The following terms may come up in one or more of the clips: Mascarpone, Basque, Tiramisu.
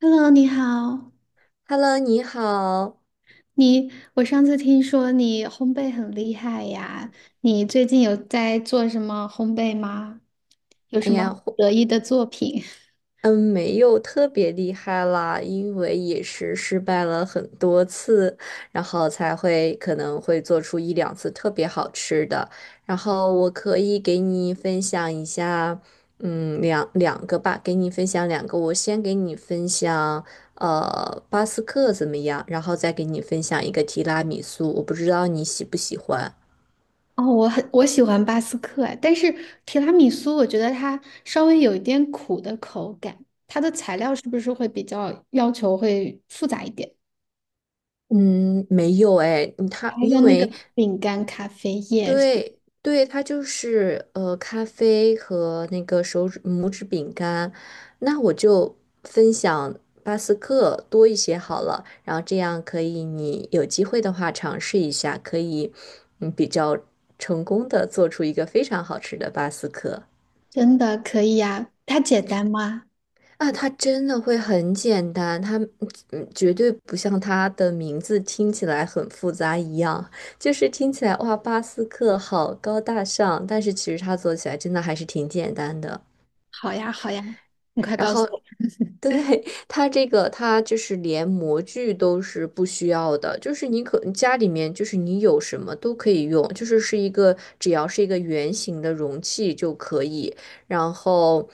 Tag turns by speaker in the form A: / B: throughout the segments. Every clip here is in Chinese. A: Hello，你好。
B: Hello，你好。
A: 你，我上次听说你烘焙很厉害呀，你最近有在做什么烘焙吗？有什
B: 哎呀，
A: 么得意的作品？
B: 没有特别厉害啦，因为也是失败了很多次，然后才会可能会做出一两次特别好吃的。然后我可以给你分享一下，两个吧，给你分享两个。我先给你分享，巴斯克怎么样？然后再给你分享一个提拉米苏，我不知道你喜不喜欢。
A: 哦，我喜欢巴斯克哎，但是提拉米苏我觉得它稍微有一点苦的口感，它的材料是不是会比较要求会复杂一点？
B: 嗯，没有哎，它
A: 还有
B: 因
A: 那个
B: 为
A: 饼干咖啡液，
B: 对对，它就是咖啡和那个手指拇指饼干，那我就分享巴斯克多一些好了，然后这样可以你有机会的话尝试一下，可以比较成功的做出一个非常好吃的巴斯克。
A: 真的可以呀？它简单吗？
B: 啊，它真的会很简单，它绝对不像它的名字听起来很复杂一样，就是听起来哇，巴斯克好高大上，但是其实它做起来真的还是挺简单的。
A: 好呀，好呀，你快
B: 然
A: 告诉
B: 后，
A: 我。
B: 对，它这个它就是连模具都是不需要的，就是你家里面就是你有什么都可以用，就是是一个只要是一个圆形的容器就可以。然后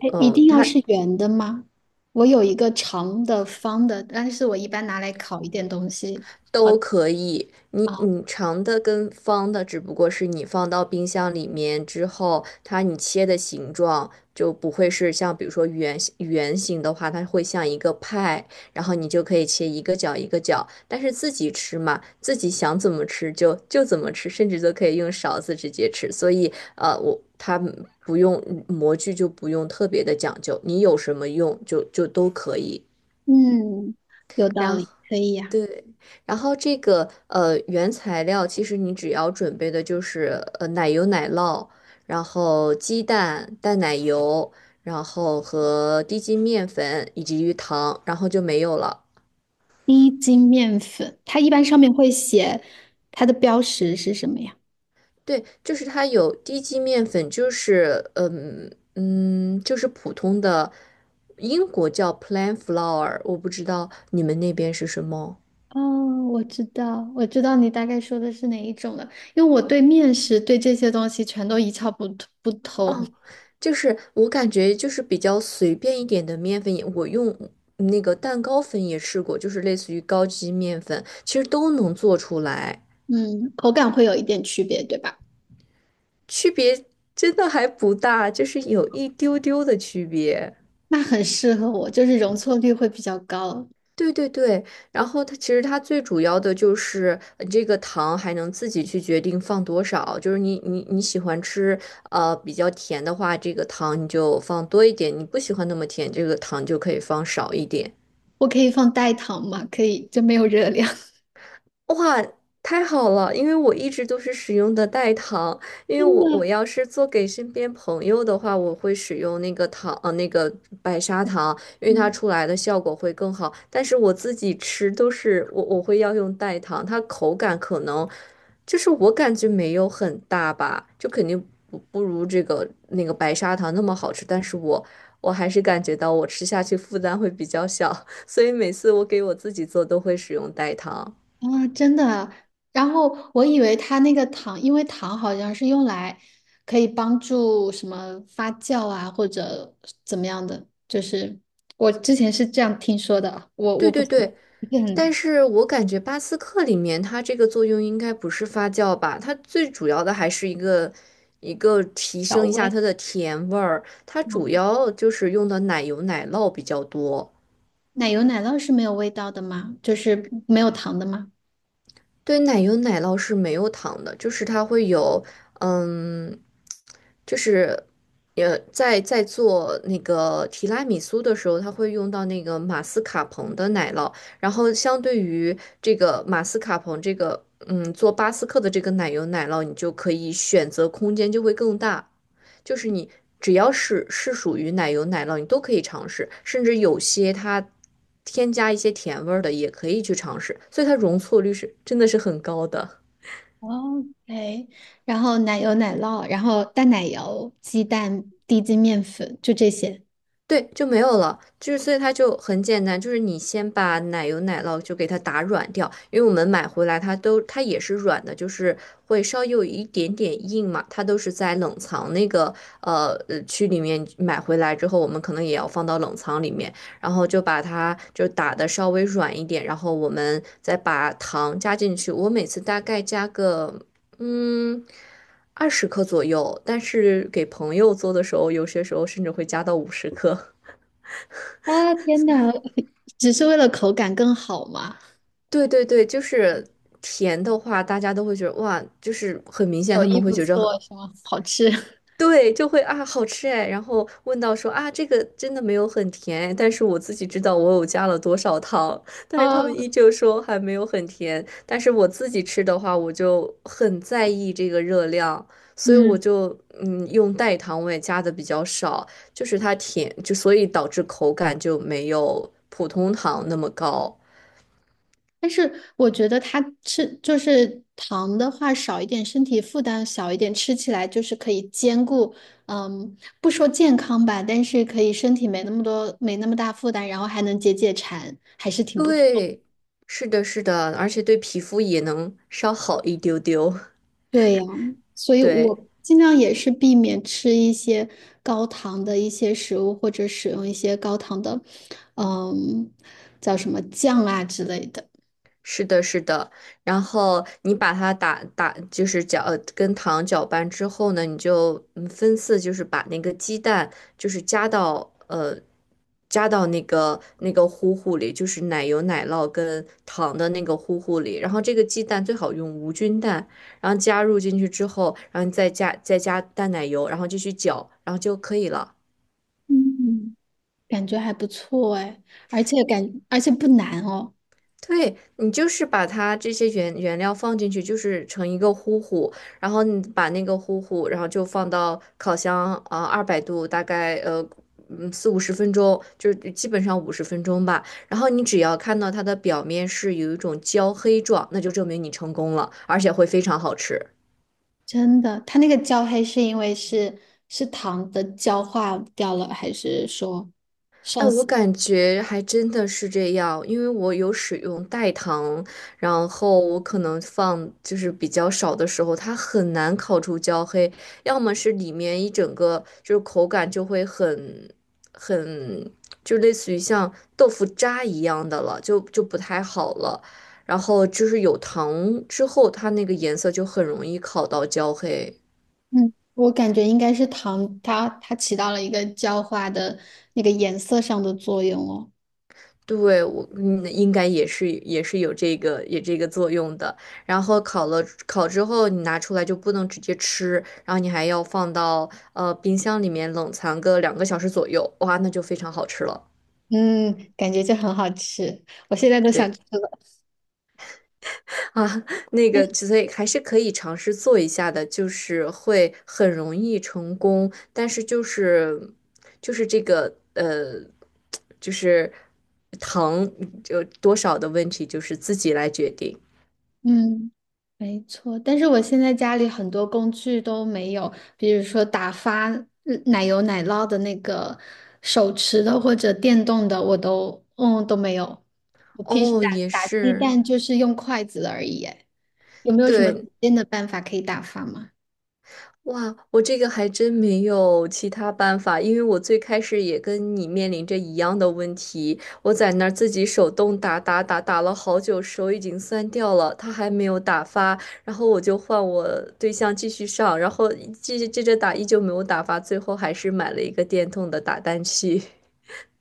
A: 哎，一定要是圆的吗？我有一个长的、方的，但是我一般拿来烤一点东西。
B: 都可以，你
A: 啊。
B: 你长的跟方的，只不过是你放到冰箱里面之后，它你切的形状就不会是像比如说圆形的话，它会像一个派，然后你就可以切一个角一个角。但是自己吃嘛，自己想怎么吃就怎么吃，甚至都可以用勺子直接吃。所以它不用模具就不用特别的讲究，你有什么用就都可以。
A: 嗯，有道
B: 然后。
A: 理，可以呀、
B: 对，然后这个原材料，其实你只要准备的就是奶油、奶酪，然后鸡蛋、淡奶油，然后和低筋面粉以及鱼糖，然后就没有了。
A: 低筋面粉，它一般上面会写它的标识是什么呀？
B: 对，就是它有低筋面粉，就是就是普通的英国叫 plain flour,我不知道你们那边是什么。
A: 哦，我知道，我知道你大概说的是哪一种了，因为我对面食对这些东西全都一窍不通。
B: 哦，就是我感觉就是比较随便一点的面粉也，我用那个蛋糕粉也试过，就是类似于高级面粉，其实都能做出来，
A: 嗯，口感会有一点区别，对吧？
B: 区别真的还不大，就是有一丢丢的区别。
A: 那很适合我，就是容错率会比较高。
B: 对对对，然后它其实最主要的就是这个糖还能自己去决定放多少，就是你喜欢吃比较甜的话，这个糖你就放多一点；你不喜欢那么甜，这个糖就可以放少一点。
A: 我可以放代糖吗？可以，就没有热量。
B: 哇，太好了！因为我一直都是使用的代糖，因为
A: 真
B: 我
A: 的，
B: 要是做给身边朋友的话，我会使用那个糖，那个白砂糖，因为它
A: 嗯
B: 出来的效果会更好。但是我自己吃都是我会要用代糖，它口感可能就是我感觉没有很大吧，就肯定不如这个那个白砂糖那么好吃。但是我还是感觉到我吃下去负担会比较小，所以每次我给我自己做都会使用代糖。
A: 真的。然后我以为它那个糖，因为糖好像是用来可以帮助什么发酵啊，或者怎么样的，就是我之前是这样听说的，我
B: 对
A: 不
B: 对
A: 是
B: 对，
A: 不是
B: 但
A: 很
B: 是我感觉巴斯克里面它这个作用应该不是发酵吧，它最主要的还是一个提
A: 调
B: 升一下
A: 味。
B: 它的甜味儿，它主
A: 嗯
B: 要就是用的奶油奶酪比较多。
A: 奶油奶酪是没有味道的吗？就是没有糖的吗
B: 对，奶油奶酪是没有糖的，就是它会有，嗯，就是，在做那个提拉米苏的时候，它会用到那个马斯卡彭的奶酪，然后相对于这个马斯卡彭这个，做巴斯克的这个奶油奶酪，你就可以选择空间就会更大。就是你只要是属于奶油奶酪，你都可以尝试，甚至有些它添加一些甜味儿的也可以去尝试，所以它容错率是真的是很高的。
A: ？OK，然后奶油奶酪，然后淡奶油、鸡蛋、低筋面粉，就这些。
B: 对，就没有了，就是所以它就很简单，就是你先把奶油奶酪就给它打软掉，因为我们买回来它也是软的，就是会稍微有一点点硬嘛，它都是在冷藏那个区里面买回来之后，我们可能也要放到冷藏里面，然后就把它就打的稍微软一点，然后我们再把糖加进去，我每次大概加个嗯。20克左右，但是给朋友做的时候，有些时候甚至会加到50克。
A: 啊，天哪，只是为了口感更好吗？
B: 对对对，就是甜的话，大家都会觉得哇，就是很明显，
A: 手
B: 他
A: 艺
B: 们会
A: 不
B: 觉着很
A: 错是吗？好吃。
B: 对，就会啊好吃哎。然后问到说啊，这个真的没有很甜哎但是我自己知道我有加了多少糖，但是
A: 啊，
B: 他们依旧说还没有很甜。但是我自己吃的话，我就很在意这个热量，所以我
A: 嗯，
B: 就用代糖，我也加的比较少，就是它甜，就所以导致口感就没有普通糖那么高。
A: 但是我觉得它吃就是糖的话少一点，身体负担小一点，吃起来就是可以兼顾，嗯，不说健康吧，但是可以身体没那么多，没那么大负担，然后还能解解馋，还是挺不错。
B: 对，是的，是的，而且对皮肤也能稍好一丢丢。
A: 对呀，所以
B: 对，
A: 我尽量也是避免吃一些高糖的一些食物，或者使用一些高糖的，嗯，叫什么酱啊之类的。
B: 是的，是的。然后你把它打打，就是搅，跟糖搅拌之后呢，你就分次，就是把那个鸡蛋，就是加到那个糊糊里，就是奶油、奶酪跟糖的那个糊糊里。然后这个鸡蛋最好用无菌蛋，然后加入进去之后，然后你再加淡奶油，然后继续搅，然后就可以了。
A: 嗯。感觉还不错哎，而且不难哦，
B: 对，你就是把它这些原料放进去，就是成一个糊糊，然后你把那个糊糊，然后就放到烤箱啊，200度，大概四五十分钟，就是基本上五十分钟吧。然后你只要看到它的表面是有一种焦黑状，那就证明你成功了，而且会非常好吃。
A: 真的。它那个焦黑是因为是糖的焦化掉了，还是说
B: 哎，
A: 上
B: 我
A: 色？
B: 感觉还真的是这样，因为我有使用代糖，然后我可能放就是比较少的时候，它很难烤出焦黑，要么是里面一整个就是口感就会很，就类似于像豆腐渣一样的了，就不太好了。然后就是有糖之后，它那个颜色就很容易烤到焦黑。
A: 嗯，我感觉应该是糖，它起到了一个焦化的那个颜色上的作用哦。
B: 对，我应该也是有这个作用的。然后烤了烤之后，你拿出来就不能直接吃，然后你还要放到冰箱里面冷藏个2个小时左右，哇，那就非常好吃了。
A: 嗯，感觉就很好吃，我现在都想吃
B: 对
A: 了。
B: 啊，那个所以还是可以尝试做一下的，就是会很容易成功，但是就是这个就是糖就多少的问题，就是自己来决定。
A: 嗯，没错，但是我现在家里很多工具都没有，比如说打发奶油奶酪的那个手持的或者电动的，我都没有。我平时
B: 哦，
A: 打
B: 也
A: 打鸡
B: 是。
A: 蛋就是用筷子而已耶，有没有什么
B: 对，
A: 简单的办法可以打发吗？
B: 哇，我这个还真没有其他办法，因为我最开始也跟你面临着一样的问题，我在那儿自己手动打打了好久，手已经酸掉了，它还没有打发，然后我就换我对象继续上，然后继续接着打，依旧没有打发，最后还是买了一个电动的打蛋器。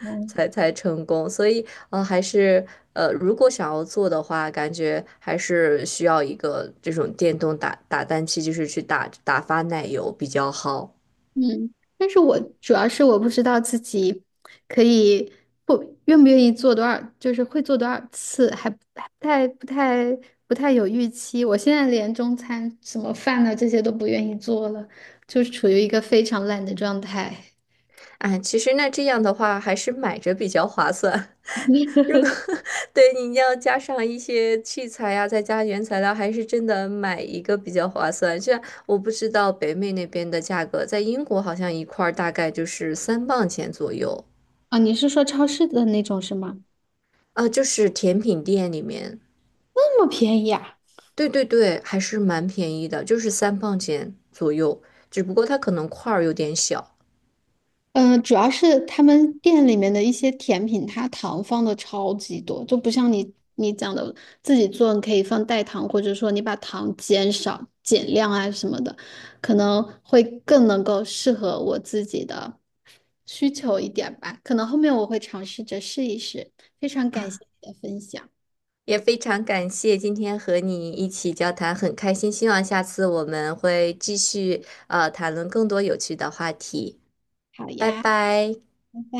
A: 嗯。
B: 才成功，所以还是如果想要做的话，感觉还是需要一个这种电动打蛋器，就是去打发奶油比较好。
A: 嗯，但是我主要是我不知道自己可以不愿意做多少，就是会做多少次，还不太有预期。我现在连中餐什么饭呢这些都不愿意做了，就是处于一个非常懒的状态。
B: 哎，其实那这样的话，还是买着比较划算。
A: 你
B: 如果 对你要加上一些器材呀、再加原材料，还是真的买一个比较划算。虽然我不知道北美那边的价格，在英国好像一块儿大概就是三磅钱左右
A: 啊，你是说超市的那种是吗？
B: 啊，就是甜品店里面。
A: 那么便宜啊？
B: 对对对，还是蛮便宜的，就是三磅钱左右，只不过它可能块儿有点小
A: 嗯，主要是他们店里面的一些甜品，它糖放的超级多，就不像你讲的自己做，你可以放代糖，或者说你把糖减少、减量啊什么的，可能会更能够适合我自己的需求一点吧。可能后面我会尝试着试一试。非常感谢
B: 啊。
A: 你的分享，
B: 也非常感谢今天和你一起交谈，很开心，希望下次我们会继续谈论更多有趣的话题。
A: 好
B: 拜
A: 呀，
B: 拜。
A: 拜拜。